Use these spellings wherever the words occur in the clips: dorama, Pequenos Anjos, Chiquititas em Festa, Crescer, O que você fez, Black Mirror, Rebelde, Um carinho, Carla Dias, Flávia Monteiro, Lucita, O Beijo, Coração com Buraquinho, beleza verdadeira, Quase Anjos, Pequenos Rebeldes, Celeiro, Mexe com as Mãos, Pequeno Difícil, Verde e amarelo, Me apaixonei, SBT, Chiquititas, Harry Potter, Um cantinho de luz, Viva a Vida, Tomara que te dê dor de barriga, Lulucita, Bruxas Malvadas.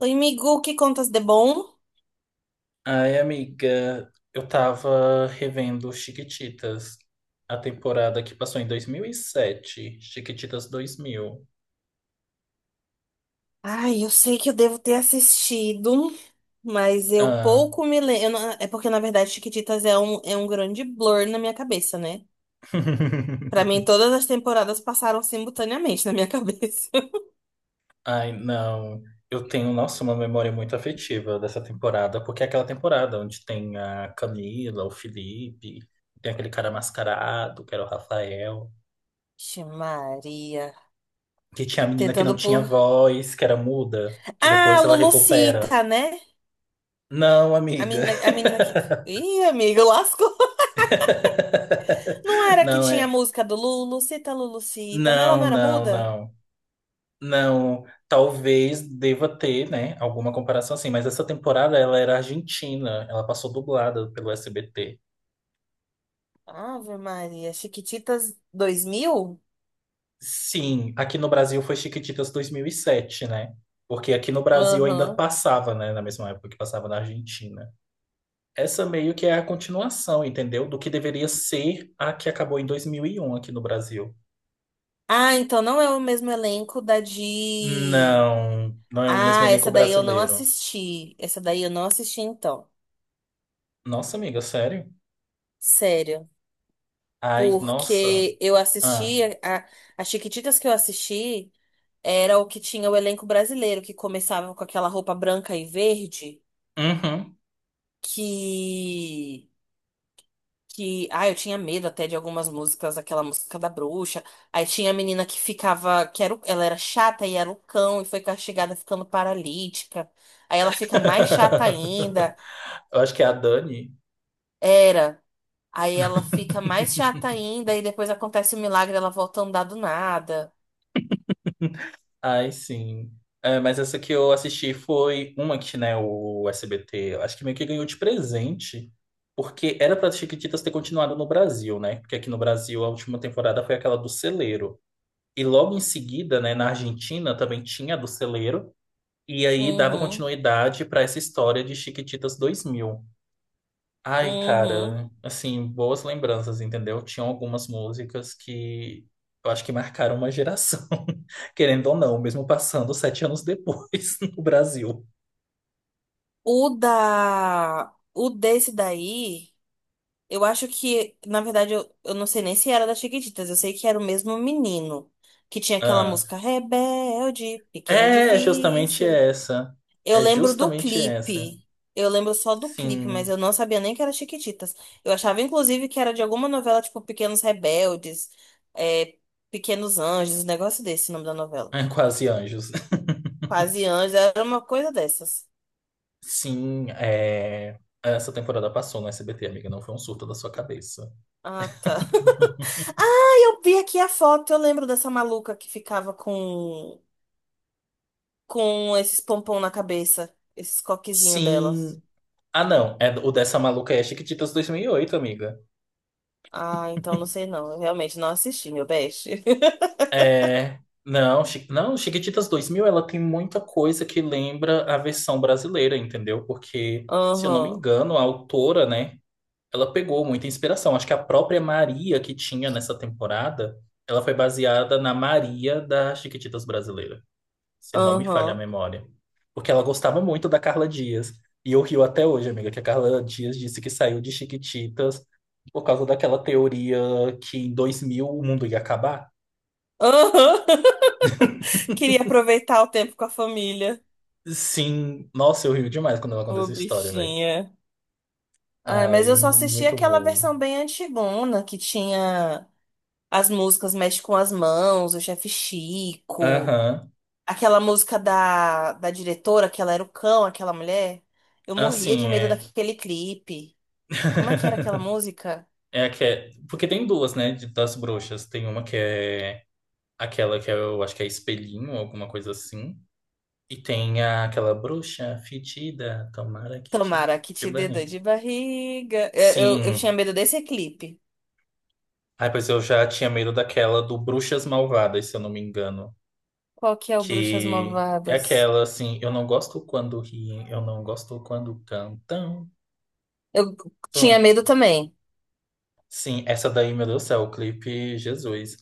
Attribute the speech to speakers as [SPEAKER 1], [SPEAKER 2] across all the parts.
[SPEAKER 1] Oi, amigo, que contas de bom?
[SPEAKER 2] Ai, amiga, eu tava revendo Chiquititas, a temporada que passou em 2007, Chiquititas 2000.
[SPEAKER 1] Ai, eu sei que eu devo ter assistido, mas eu
[SPEAKER 2] Ah.
[SPEAKER 1] pouco me lembro. É porque, na verdade, Chiquititas é é um grande blur na minha cabeça, né? Pra mim, todas as temporadas passaram simultaneamente na minha cabeça.
[SPEAKER 2] Ai, não. Eu tenho, nossa, uma memória muito afetiva dessa temporada, porque é aquela temporada onde tem a Camila, o Felipe, tem aquele cara mascarado, que era o Rafael,
[SPEAKER 1] Vixe, Maria.
[SPEAKER 2] que tinha a menina que não
[SPEAKER 1] Tentando
[SPEAKER 2] tinha
[SPEAKER 1] por.
[SPEAKER 2] voz, que era muda, que
[SPEAKER 1] Ah,
[SPEAKER 2] depois ela recupera.
[SPEAKER 1] Lulucita, né?
[SPEAKER 2] Não, amiga.
[SPEAKER 1] A menina que. Ih, amigo, lascou. Não era que
[SPEAKER 2] Não,
[SPEAKER 1] tinha a
[SPEAKER 2] é.
[SPEAKER 1] música do Lulucita, Lulucita? Não, ela não
[SPEAKER 2] Não,
[SPEAKER 1] era
[SPEAKER 2] não,
[SPEAKER 1] muda?
[SPEAKER 2] não. Não, talvez deva ter, né, alguma comparação assim, mas essa temporada ela era argentina, ela passou dublada pelo SBT.
[SPEAKER 1] Ave Maria. Chiquititas 2000?
[SPEAKER 2] Sim, aqui no Brasil foi Chiquititas 2007, né? Porque aqui no Brasil ainda
[SPEAKER 1] Aham.
[SPEAKER 2] passava, né, na mesma época que passava na Argentina. Essa meio que é a continuação, entendeu? Do que deveria ser a que acabou em 2001 aqui no Brasil.
[SPEAKER 1] Ah, então não é o mesmo elenco da de.
[SPEAKER 2] Não, não é o mesmo
[SPEAKER 1] Ah,
[SPEAKER 2] elenco
[SPEAKER 1] essa daí eu não
[SPEAKER 2] brasileiro.
[SPEAKER 1] assisti. Essa daí eu não assisti, então.
[SPEAKER 2] Nossa, amiga, sério?
[SPEAKER 1] Sério.
[SPEAKER 2] Ai, nossa.
[SPEAKER 1] Porque eu
[SPEAKER 2] Ah.
[SPEAKER 1] assisti. A Chiquititas que eu assisti era o que tinha o elenco brasileiro, que começava com aquela roupa branca e verde,
[SPEAKER 2] Uhum.
[SPEAKER 1] que que eu tinha medo até de algumas músicas, aquela música da bruxa. Aí tinha a menina que ficava, que era, o- ela era chata e era o cão e foi castigada ficando paralítica. Aí ela fica mais chata ainda,
[SPEAKER 2] Eu acho que é a Dani.
[SPEAKER 1] era. Aí ela fica mais chata ainda e depois acontece o milagre, ela volta a andar do nada.
[SPEAKER 2] Ai, sim. É, mas essa que eu assisti foi uma que, né, o SBT, eu acho que meio que ganhou de presente, porque era para Chiquititas ter continuado no Brasil, né? Porque aqui no Brasil a última temporada foi aquela do Celeiro. E logo em seguida, né, na Argentina também tinha a do Celeiro, e aí dava
[SPEAKER 1] Uhum,
[SPEAKER 2] continuidade para essa história de Chiquititas 2000. Ai,
[SPEAKER 1] uhum.
[SPEAKER 2] cara, assim, boas lembranças, entendeu? Tinham algumas músicas que eu acho que marcaram uma geração, querendo ou não, mesmo passando 7 anos depois no Brasil.
[SPEAKER 1] O da, o desse daí eu acho que, na verdade, eu não sei nem se era da Chiquititas, eu sei que era o mesmo menino, que tinha aquela
[SPEAKER 2] Ah,
[SPEAKER 1] música Rebelde, Pequeno
[SPEAKER 2] é justamente
[SPEAKER 1] Difícil.
[SPEAKER 2] essa.
[SPEAKER 1] Eu
[SPEAKER 2] É
[SPEAKER 1] lembro do
[SPEAKER 2] justamente essa.
[SPEAKER 1] clipe, eu lembro só do clipe, mas eu
[SPEAKER 2] Sim,
[SPEAKER 1] não sabia nem que era Chiquititas. Eu achava, inclusive, que era de alguma novela, tipo Pequenos Rebeldes, é, Pequenos Anjos, um negócio desse, o nome da novela.
[SPEAKER 2] é quase anjos.
[SPEAKER 1] Quase Anjos, era uma coisa dessas.
[SPEAKER 2] Sim, é. Essa temporada passou no SBT, amiga, não foi um surto da sua cabeça.
[SPEAKER 1] Ah, tá. Ah, eu vi aqui a foto, eu lembro dessa maluca que ficava com esses pompom na cabeça, esses coquezinhos delas.
[SPEAKER 2] Sim. Ah, não, é o dessa maluca é Chiquititas 2008, amiga.
[SPEAKER 1] Ah, então não sei não. Eu realmente não assisti, meu best.
[SPEAKER 2] É, não, não, Chiquititas 2000, ela tem muita coisa que lembra a versão brasileira, entendeu? Porque, se eu não me
[SPEAKER 1] Aham,
[SPEAKER 2] engano, a autora, né, ela pegou muita inspiração. Acho que a própria Maria que tinha nessa temporada, ela foi baseada na Maria da Chiquititas brasileira, se não me falha a
[SPEAKER 1] aham,
[SPEAKER 2] memória. Porque ela gostava muito da Carla Dias. E eu rio até hoje, amiga, que a Carla Dias disse que saiu de Chiquititas por causa daquela teoria que em 2000 o mundo ia acabar.
[SPEAKER 1] aham. Queria aproveitar o tempo com a família.
[SPEAKER 2] Sim, nossa, eu rio demais quando ela conta
[SPEAKER 1] Ô,
[SPEAKER 2] essa história, velho.
[SPEAKER 1] bichinha. Ah, mas
[SPEAKER 2] Ai,
[SPEAKER 1] eu só assisti
[SPEAKER 2] muito
[SPEAKER 1] aquela
[SPEAKER 2] boa.
[SPEAKER 1] versão bem antigona, que tinha as músicas Mexe com as Mãos, o Chefe Chico,
[SPEAKER 2] Aham.
[SPEAKER 1] aquela música da, da diretora, que ela era o cão, aquela mulher. Eu morria
[SPEAKER 2] Assim,
[SPEAKER 1] de medo
[SPEAKER 2] é.
[SPEAKER 1] daquele clipe. Como é que era aquela música?
[SPEAKER 2] É a que é. Porque tem duas, né, das bruxas. Tem uma que é aquela que é, eu acho que é espelhinho, alguma coisa assim. E tem aquela bruxa fedida, tomara que te dê
[SPEAKER 1] Tomara que
[SPEAKER 2] de
[SPEAKER 1] te dê dor
[SPEAKER 2] barriga.
[SPEAKER 1] de barriga. Eu
[SPEAKER 2] Sim.
[SPEAKER 1] tinha medo desse clipe.
[SPEAKER 2] Ai, pois eu já tinha medo daquela do Bruxas Malvadas, se eu não me engano.
[SPEAKER 1] Qual que é o Bruxas
[SPEAKER 2] Que é
[SPEAKER 1] Malvadas?
[SPEAKER 2] aquela, assim, eu não gosto quando riem, eu não gosto quando cantam.
[SPEAKER 1] Eu tinha
[SPEAKER 2] Tô-
[SPEAKER 1] medo também.
[SPEAKER 2] Sim, essa daí, meu Deus do céu, o clipe Jesus.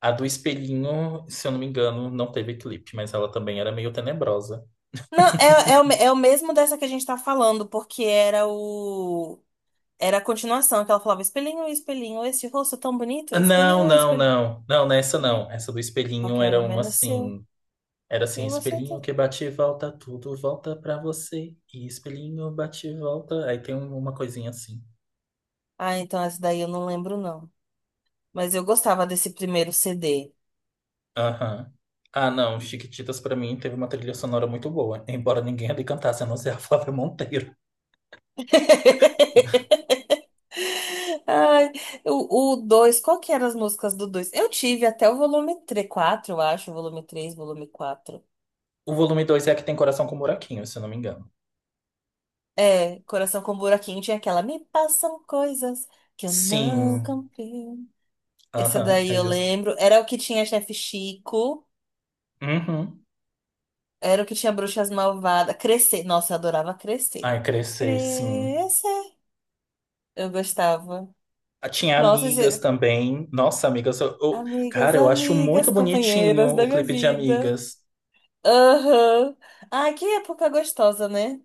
[SPEAKER 2] A do espelhinho, se eu não me engano, não teve clipe, mas ela também era meio tenebrosa.
[SPEAKER 1] Não, é, é, o, é o mesmo dessa que a gente tá falando, porque era o. Era a continuação, que ela falava: espelhinho, espelhinho, esse rosto tão bonito,
[SPEAKER 2] Ah, não,
[SPEAKER 1] espelhinho,
[SPEAKER 2] não,
[SPEAKER 1] espelhinho.
[SPEAKER 2] não. Não, nessa
[SPEAKER 1] Quem é?
[SPEAKER 2] não. Essa do
[SPEAKER 1] Que
[SPEAKER 2] espelhinho
[SPEAKER 1] qualquer
[SPEAKER 2] era
[SPEAKER 1] um
[SPEAKER 2] uma
[SPEAKER 1] menos seu,
[SPEAKER 2] assim. Era assim,
[SPEAKER 1] eu vou
[SPEAKER 2] espelhinho
[SPEAKER 1] também.
[SPEAKER 2] que bate e volta, tudo volta pra você. E espelhinho bate e volta. Aí tem uma coisinha assim.
[SPEAKER 1] Ah, então essa daí eu não lembro, não. Mas eu gostava desse primeiro CD.
[SPEAKER 2] Aham. Ah, não. Chiquititas pra mim teve uma trilha sonora muito boa. Embora ninguém ali cantasse, a não ser a Flávia Monteiro.
[SPEAKER 1] Ai, o 2 qual que eram as músicas do dois? Eu tive até o volume três quatro eu acho, volume 3 volume quatro.
[SPEAKER 2] O volume dois é a que tem coração com buraquinho, se eu não me engano.
[SPEAKER 1] É, Coração com Buraquinho tinha aquela Me passam coisas que eu não
[SPEAKER 2] Sim,
[SPEAKER 1] compreendo. Esse
[SPEAKER 2] aham,
[SPEAKER 1] daí
[SPEAKER 2] é
[SPEAKER 1] eu
[SPEAKER 2] justo.
[SPEAKER 1] lembro. Era o que tinha Chefe Chico,
[SPEAKER 2] Uhum.
[SPEAKER 1] era o que tinha Bruxas Malvadas. Crescer, nossa, eu adorava Crescer.
[SPEAKER 2] Ai, crescer, sim.
[SPEAKER 1] Crescer, eu gostava.
[SPEAKER 2] Ah, tinha
[SPEAKER 1] Nossa,
[SPEAKER 2] amigas
[SPEAKER 1] esse-
[SPEAKER 2] também. Nossa, amigas,
[SPEAKER 1] amigas,
[SPEAKER 2] cara, eu acho muito
[SPEAKER 1] amigas,
[SPEAKER 2] bonitinho
[SPEAKER 1] companheiras da
[SPEAKER 2] o
[SPEAKER 1] minha
[SPEAKER 2] clipe de
[SPEAKER 1] vida.
[SPEAKER 2] Amigas.
[SPEAKER 1] Aham. Ah, que época gostosa, né?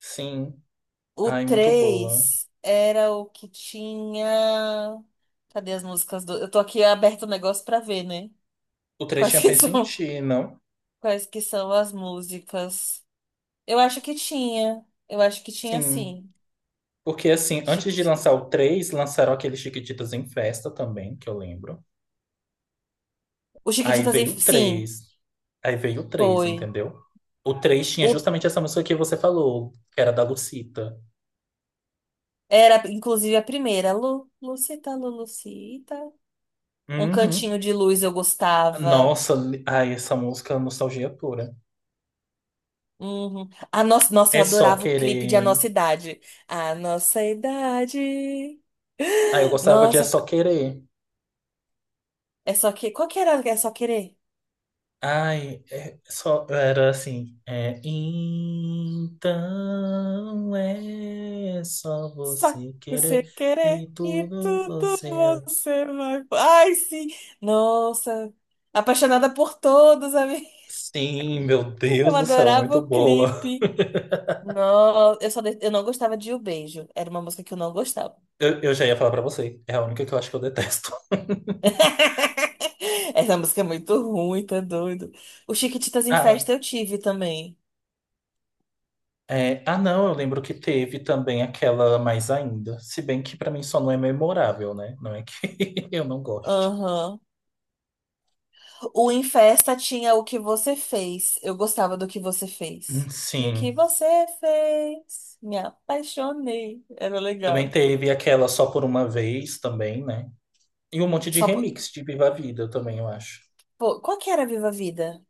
[SPEAKER 2] Sim,
[SPEAKER 1] O
[SPEAKER 2] ai, muito boa.
[SPEAKER 1] 3 era o que tinha. Cadê as músicas do. Eu tô aqui aberto o negócio pra ver, né?
[SPEAKER 2] O três
[SPEAKER 1] Quais
[SPEAKER 2] tinha
[SPEAKER 1] que
[SPEAKER 2] penso em
[SPEAKER 1] são,
[SPEAKER 2] ti, não?
[SPEAKER 1] quais que são as músicas? Eu acho que tinha. Eu acho que tinha
[SPEAKER 2] Sim,
[SPEAKER 1] sim.
[SPEAKER 2] porque assim, antes de lançar
[SPEAKER 1] Chiquititas.
[SPEAKER 2] o 3 lançaram aquele Chiquititas em Festa também, que eu lembro.
[SPEAKER 1] O
[SPEAKER 2] Aí
[SPEAKER 1] Chiquititas, em-
[SPEAKER 2] veio o
[SPEAKER 1] sim,
[SPEAKER 2] 3 Aí veio o três,
[SPEAKER 1] foi.
[SPEAKER 2] entendeu? O 3 tinha
[SPEAKER 1] O...
[SPEAKER 2] justamente essa música que você falou, que era da Lucita.
[SPEAKER 1] Era, inclusive, a primeira. Lu... Lucita, Lulucita. Um
[SPEAKER 2] Uhum.
[SPEAKER 1] cantinho de luz eu gostava.
[SPEAKER 2] Nossa, ai, essa música é nostalgia pura.
[SPEAKER 1] Uhum. A nossa, nossa, eu
[SPEAKER 2] É só
[SPEAKER 1] adorava o clipe de A
[SPEAKER 2] querer.
[SPEAKER 1] Nossa Idade. A Nossa Idade.
[SPEAKER 2] Ai, eu gostava de É
[SPEAKER 1] Nossa,
[SPEAKER 2] Só Querer.
[SPEAKER 1] é só que. Qual que era? É só querer?
[SPEAKER 2] Ai, é só. Era assim. É, então é só
[SPEAKER 1] Só
[SPEAKER 2] você querer
[SPEAKER 1] você querer
[SPEAKER 2] e
[SPEAKER 1] e
[SPEAKER 2] tudo
[SPEAKER 1] tudo
[SPEAKER 2] você. É".
[SPEAKER 1] você vai. Ai, sim! Nossa! Apaixonada por todos, amiga.
[SPEAKER 2] Sim, meu
[SPEAKER 1] Eu
[SPEAKER 2] Deus do céu,
[SPEAKER 1] adorava
[SPEAKER 2] muito
[SPEAKER 1] o
[SPEAKER 2] boa.
[SPEAKER 1] clipe. Nossa, eu só de- eu não gostava de O Beijo. Era uma música que eu não gostava.
[SPEAKER 2] Eu já ia falar pra você. É a única que eu acho que eu detesto.
[SPEAKER 1] Essa música é muito ruim, tá doido. O Chiquititas em Festa eu tive também.
[SPEAKER 2] É, ah, não, eu lembro que teve também aquela mais ainda. Se bem que pra mim só não é memorável, né? Não é que eu não goste.
[SPEAKER 1] Aham. O em festa tinha o que você fez. Eu gostava do que você fez. E o que
[SPEAKER 2] Sim.
[SPEAKER 1] você fez? Me apaixonei. Era
[SPEAKER 2] Também
[SPEAKER 1] legal.
[SPEAKER 2] teve aquela Só por uma vez também, né? E um monte de
[SPEAKER 1] Só por...
[SPEAKER 2] remix de Viva a Vida também, eu acho.
[SPEAKER 1] Pô, qual que era Viva a Vida?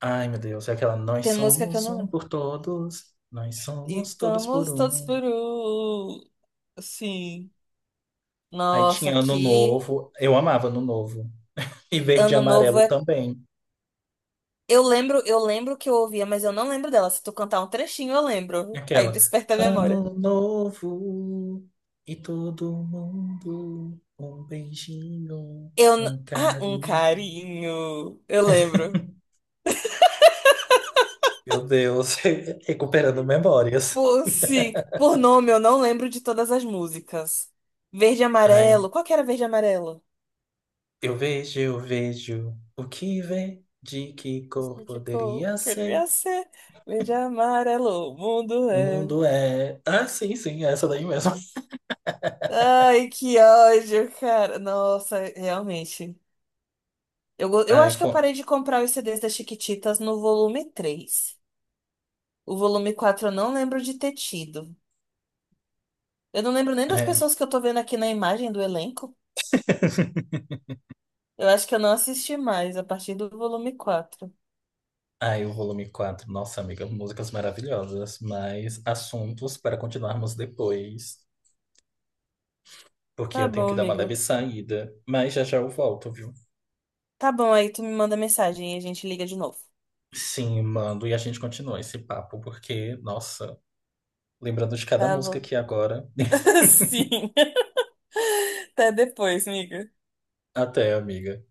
[SPEAKER 2] Ai, meu Deus, é aquela Nós
[SPEAKER 1] Tem música que eu
[SPEAKER 2] somos
[SPEAKER 1] não
[SPEAKER 2] um
[SPEAKER 1] lembro.
[SPEAKER 2] por todos, nós
[SPEAKER 1] E
[SPEAKER 2] somos todos por
[SPEAKER 1] estamos todos
[SPEAKER 2] um.
[SPEAKER 1] por um. Sim.
[SPEAKER 2] Aí
[SPEAKER 1] Nossa,
[SPEAKER 2] tinha Ano
[SPEAKER 1] que
[SPEAKER 2] Novo, eu amava Ano Novo. E Verde e
[SPEAKER 1] ano novo
[SPEAKER 2] Amarelo
[SPEAKER 1] é.
[SPEAKER 2] também.
[SPEAKER 1] Eu lembro que eu ouvia, mas eu não lembro dela. Se tu cantar um trechinho, eu lembro. Aí
[SPEAKER 2] Aquela.
[SPEAKER 1] desperta a memória.
[SPEAKER 2] Ano novo e todo mundo um beijinho,
[SPEAKER 1] Eu. N-
[SPEAKER 2] um
[SPEAKER 1] Ah, um
[SPEAKER 2] carinho.
[SPEAKER 1] carinho. Eu lembro.
[SPEAKER 2] Meu Deus, recuperando memórias.
[SPEAKER 1] Por, sim, por nome, eu não lembro de todas as músicas. Verde e
[SPEAKER 2] Ai,
[SPEAKER 1] amarelo. Qual que era verde e amarelo?
[SPEAKER 2] eu vejo o que vê, de que cor
[SPEAKER 1] Ficou,
[SPEAKER 2] poderia
[SPEAKER 1] poderia
[SPEAKER 2] ser.
[SPEAKER 1] ser. Verde e amarelo, o mundo
[SPEAKER 2] O
[SPEAKER 1] é.
[SPEAKER 2] mundo é. Ah, sim, sim, é essa daí mesmo.
[SPEAKER 1] Ai, que ódio, cara. Nossa, realmente. Eu, go- eu
[SPEAKER 2] Ai,
[SPEAKER 1] acho que eu parei de comprar os CDs das Chiquititas no volume 3. O volume 4 eu não lembro de ter tido. Eu não lembro nem das
[SPEAKER 2] é.
[SPEAKER 1] pessoas que eu tô vendo aqui na imagem do elenco. Eu acho que eu não assisti mais a partir do volume 4.
[SPEAKER 2] Ai, o volume quatro. Nossa, amiga, músicas maravilhosas, mas assuntos para continuarmos depois. Porque
[SPEAKER 1] Tá
[SPEAKER 2] eu tenho
[SPEAKER 1] bom,
[SPEAKER 2] que dar uma
[SPEAKER 1] amigo.
[SPEAKER 2] leve saída. Mas já já eu volto, viu?
[SPEAKER 1] Tá bom, aí tu me manda mensagem e a gente liga de novo.
[SPEAKER 2] Sim, mando. E a gente continua esse papo, porque, nossa, lembrando de cada
[SPEAKER 1] Tá
[SPEAKER 2] música
[SPEAKER 1] bom.
[SPEAKER 2] aqui agora.
[SPEAKER 1] Sim. Até depois, amiga.
[SPEAKER 2] Até, amiga.